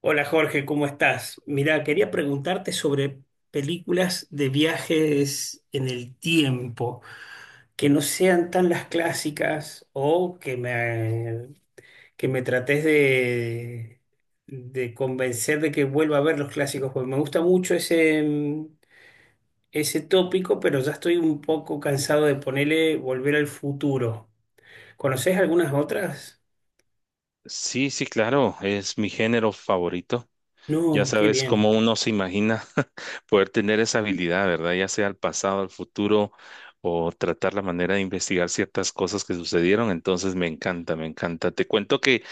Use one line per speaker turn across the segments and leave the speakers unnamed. Hola Jorge, ¿cómo estás? Mira, quería preguntarte sobre películas de viajes en el tiempo, que no sean tan las clásicas o que me trates de convencer de que vuelva a ver los clásicos, porque me gusta mucho ese tópico, pero ya estoy un poco cansado de ponerle volver al futuro. ¿Conoces algunas otras?
Sí, sí, claro, es mi género favorito. Ya
No, qué
sabes cómo
bien.
uno se imagina poder tener esa habilidad, ¿verdad? Ya sea al pasado, al futuro, o tratar la manera de investigar ciertas cosas que sucedieron. Entonces me encanta, me encanta. Te cuento que,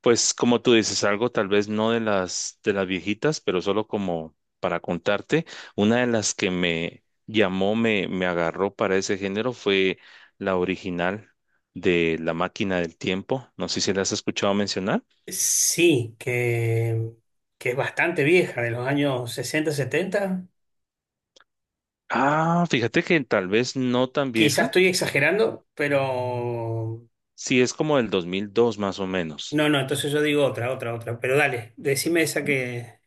pues, como tú dices, algo tal vez no de las viejitas, pero solo como para contarte, una de las que me llamó, me agarró para ese género fue la original de La Máquina del Tiempo. No sé si la has escuchado mencionar.
Sí, que es bastante vieja, de los años 60 70.
Ah, fíjate que tal vez no tan
Quizás
vieja.
estoy exagerando.
Sí, es como del 2002 más o menos.
No, no, entonces yo digo otra, otra, otra. Pero dale, decime esa que.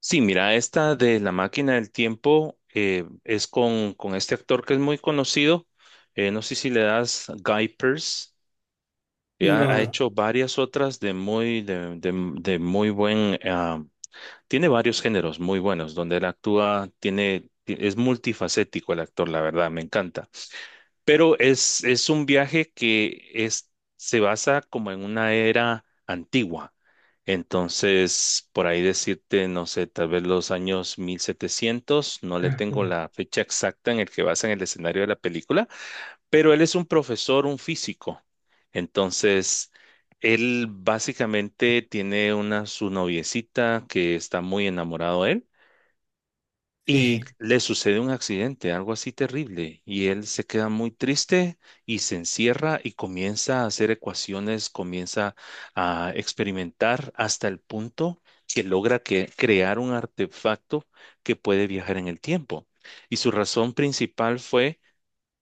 Sí, mira, esta de La Máquina del Tiempo es con este actor que es muy conocido. No sé si le das Guy Pearce. Ha,
No,
ha
no.
hecho varias otras de muy buen... tiene varios géneros muy buenos donde él actúa, es multifacético el actor, la verdad, me encanta. Pero es un viaje se basa como en una era antigua. Entonces, por ahí decirte, no sé, tal vez los años 1700 no le
Ajá.
tengo la fecha exacta en el que basan el escenario de la película, pero él es un profesor, un físico. Entonces, él básicamente tiene una su noviecita que está muy enamorado de él y
Sí.
le sucede un accidente, algo así terrible, y él se queda muy triste y se encierra y comienza a hacer ecuaciones, comienza a experimentar hasta el punto que logra crear un artefacto que puede viajar en el tiempo. Y su razón principal fue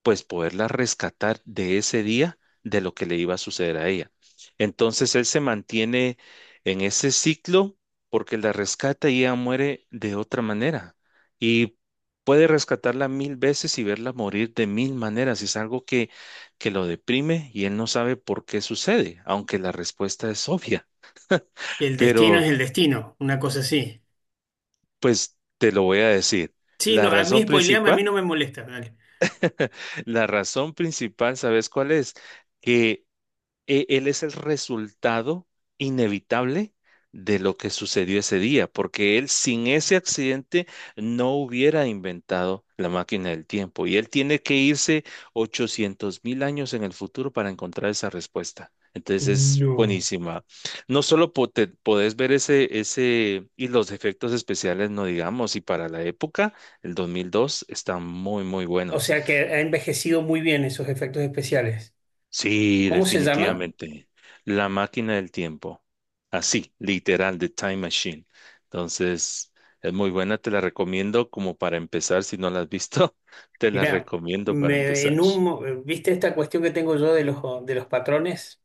pues poderla rescatar de ese día de lo que le iba a suceder a ella. Entonces él se mantiene en ese ciclo porque la rescata y ella muere de otra manera. Y puede rescatarla mil veces y verla morir de mil maneras. Es algo que lo deprime y él no sabe por qué sucede, aunque la respuesta es obvia.
El destino es
Pero
el destino, una cosa así.
pues te lo voy a decir.
Sí,
La
no, a mí
razón
spoileame, a
principal,
mí no me molesta, dale.
la razón principal, ¿sabes cuál es? Que él es el resultado inevitable de lo que sucedió ese día, porque él sin ese accidente no hubiera inventado la máquina del tiempo y él tiene que irse 800 mil años en el futuro para encontrar esa respuesta. Entonces es
No.
buenísima. No solo podés ver ese y los efectos especiales, no digamos, y para la época, el 2002, están muy, muy
O
buenos.
sea que ha envejecido muy bien esos efectos especiales.
Sí,
¿Cómo se llama?
definitivamente. La máquina del tiempo. Así, literal, The Time Machine. Entonces, es muy buena, te la recomiendo como para empezar. Si no la has visto, te la
Mirá,
recomiendo para
me,
empezar.
en un, mo- ¿viste esta cuestión que tengo yo de los patrones?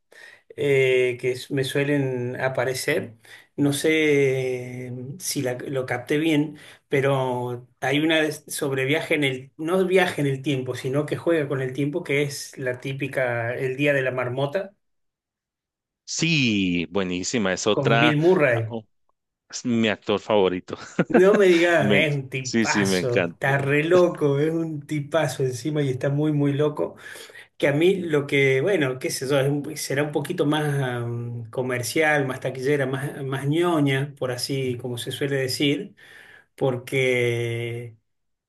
Que me suelen aparecer. No sé si lo capté bien, pero hay una sobre viaje en el, no viaje en el tiempo, sino que juega con el tiempo, que es la típica El Día de la Marmota,
Sí, buenísima. Es
con Bill
otra, ah,
Murray.
oh, es mi actor favorito.
No me digas,
Me-
es un
sí, sí, me
tipazo, está
encanta.
re loco, es un tipazo encima y está muy, muy loco. Que a mí lo que, bueno, qué sé yo, será un poquito más comercial, más taquillera, más ñoña, por así como se suele decir, porque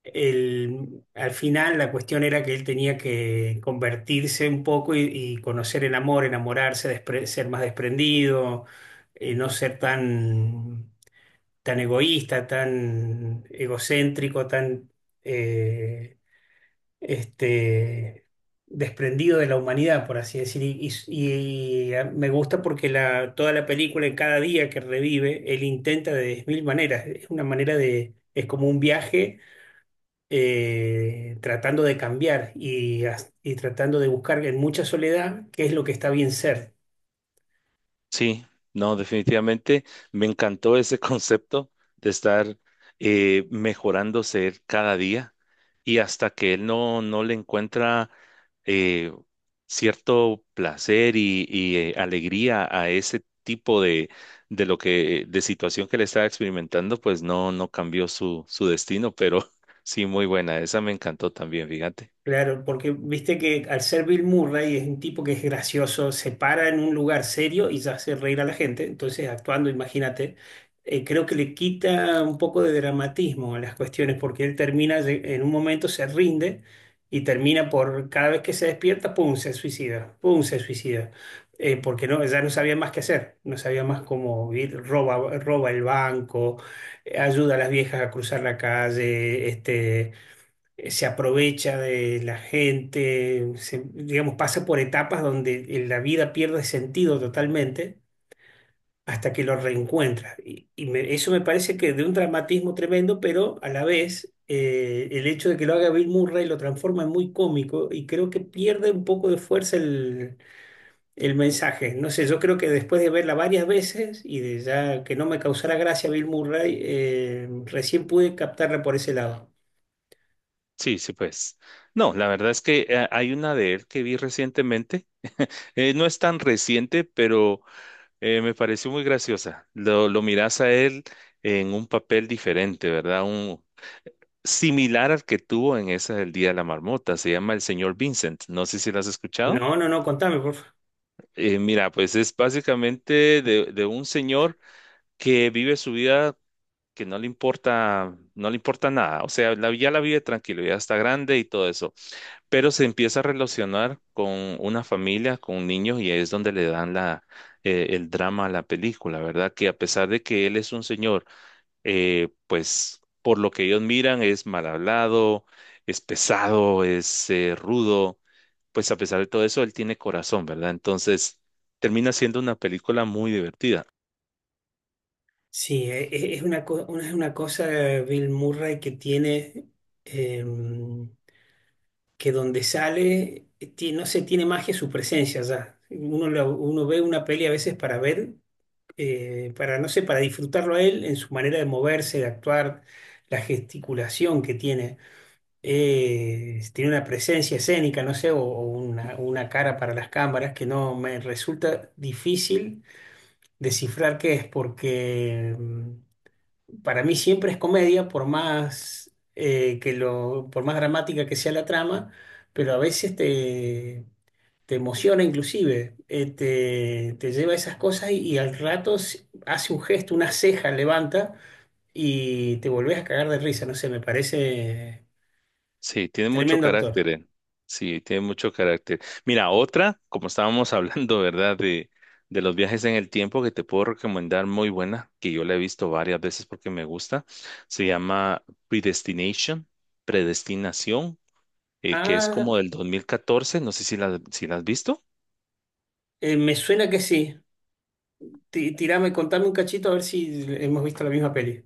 al final la cuestión era que él tenía que convertirse un poco y conocer el amor, enamorarse, ser más desprendido, no ser tan egoísta, tan egocéntrico. eh, este, Desprendido de la humanidad, por así decir. Y me gusta porque toda la película, en cada día que revive, él intenta de 10.000 maneras. Es una manera es como un viaje tratando de cambiar y tratando de buscar en mucha soledad qué es lo que está bien ser.
Sí, no, definitivamente me encantó ese concepto de estar mejorándose él cada día y hasta que él no le encuentra eh, cierto placer y, alegría a ese tipo de situación que le estaba experimentando, pues no cambió su destino, pero sí, muy buena. Esa me encantó también, fíjate.
Claro, porque viste que al ser Bill Murray es un tipo que es gracioso, se para en un lugar serio y ya hace reír a la gente, entonces actuando, imagínate, creo que le quita un poco de dramatismo a las cuestiones porque él termina, en un momento se rinde y termina por, cada vez que se despierta, pum, se suicida, pum, se suicida. Porque no, ya no sabía más qué hacer, no sabía más cómo ir, roba el banco, ayuda a las viejas a cruzar la calle, se aprovecha de la gente, digamos, pasa por etapas donde la vida pierde sentido totalmente hasta que lo reencuentra. Y eso me parece que de un dramatismo tremendo, pero a la vez el hecho de que lo haga Bill Murray lo transforma en muy cómico y creo que pierde un poco de fuerza el mensaje. No sé, yo creo que después de verla varias veces y de ya que no me causara gracia Bill Murray, recién pude captarla por ese lado.
Sí, sí, pues. No, la verdad es que hay una de él que vi recientemente. No es tan reciente, pero me pareció muy graciosa. Lo miras a él en un papel diferente, ¿verdad? Similar al que tuvo en esa del Día de la Marmota. Se llama El Señor Vincent. No sé si lo has escuchado.
No, no, no, contame, por favor.
Mira, pues es básicamente de un señor que vive su vida que no le importa, no le importa nada. O sea, ya la vive tranquilo, ya está grande y todo eso, pero se empieza a relacionar con una familia, con niños, y ahí es donde le dan el drama a la película, ¿verdad? Que a pesar de que él es un señor, pues por lo que ellos miran es mal hablado, es pesado, es rudo, pues a pesar de todo eso, él tiene corazón, ¿verdad? Entonces, termina siendo una película muy divertida.
Sí, es una cosa Bill Murray que tiene, em, que donde sale, no sé, tiene magia su presencia ya. Uno, uno ve una peli a veces para ver, para, no sé, para disfrutarlo a él en su manera de moverse, de actuar, la gesticulación que tiene. Tiene una presencia escénica, no sé, o una, cara para las cámaras que no me resulta difícil descifrar qué es, porque para mí siempre es comedia, por más por más dramática que sea la trama, pero a veces te emociona inclusive, te lleva a esas cosas y al rato hace un gesto, una ceja levanta y te volvés a cagar de risa, no sé, me parece
Sí, tiene mucho
tremendo actor.
carácter. Sí, tiene mucho carácter. Mira, otra, como estábamos hablando, ¿verdad? De los viajes en el tiempo que te puedo recomendar muy buena, que yo la he visto varias veces porque me gusta, se llama Predestination, Predestinación, que es
Ah,
como del 2014. No sé si si la has visto.
me suena que sí. Tirame, contame un cachito a ver si hemos visto la misma peli.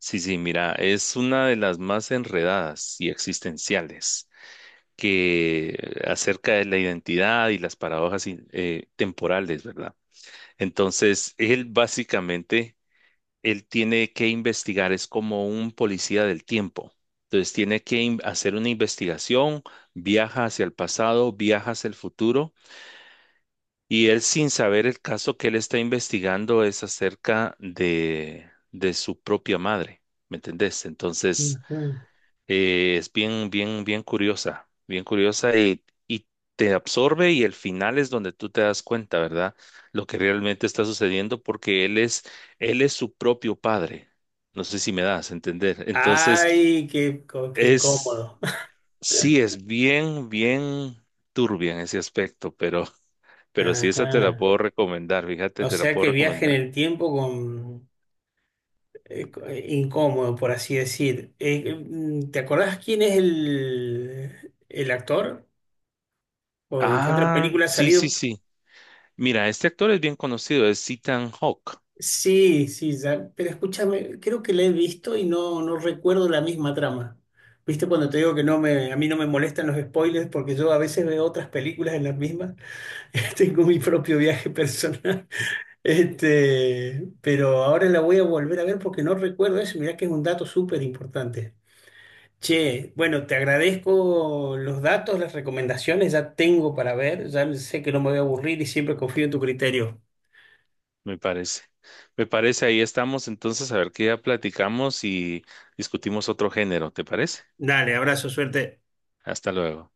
Sí, sí, mira, es una de las más enredadas y existenciales que acerca de la identidad y las paradojas temporales, ¿verdad? Entonces, él básicamente, él tiene que investigar, es como un policía del tiempo. Entonces, tiene que hacer una investigación, viaja hacia el pasado, viaja hacia el futuro, y él sin saber el caso que él está investigando es acerca de su propia madre, ¿me entendés? Entonces,
Ujú.
es bien, bien, bien curiosa y te absorbe y el final es donde tú te das cuenta, ¿verdad? Lo que realmente está sucediendo porque él es su propio padre. No sé si me das a entender. Entonces,
Ay, qué
es,
incómodo.
sí, es bien, bien turbia en ese aspecto, pero, pero sí, esa te la
Ajá.
puedo recomendar, fíjate,
O
te la
sea
puedo
que viaje en
recomendar.
el tiempo con incómodo, por así decir. ¿Te acordás quién es el actor? ¿O en qué otra
Ah,
película ha
sí, sí,
salido?
sí. Mira, este actor es bien conocido, es Ethan Hawke.
Sí, sí, ya, pero escúchame, creo que la he visto y no recuerdo la misma trama. ¿Viste cuando te digo que a mí no me molestan los spoilers porque yo a veces veo otras películas en las mismas? Tengo mi propio viaje personal. Pero ahora la voy a volver a ver porque no recuerdo eso. Mirá que es un dato súper importante. Che, bueno, te agradezco los datos, las recomendaciones, ya tengo para ver, ya sé que no me voy a aburrir y siempre confío en tu criterio.
Me parece. Me parece, ahí estamos entonces a ver qué ya platicamos y discutimos otro género, ¿te parece?
Dale, abrazo, suerte.
Hasta luego.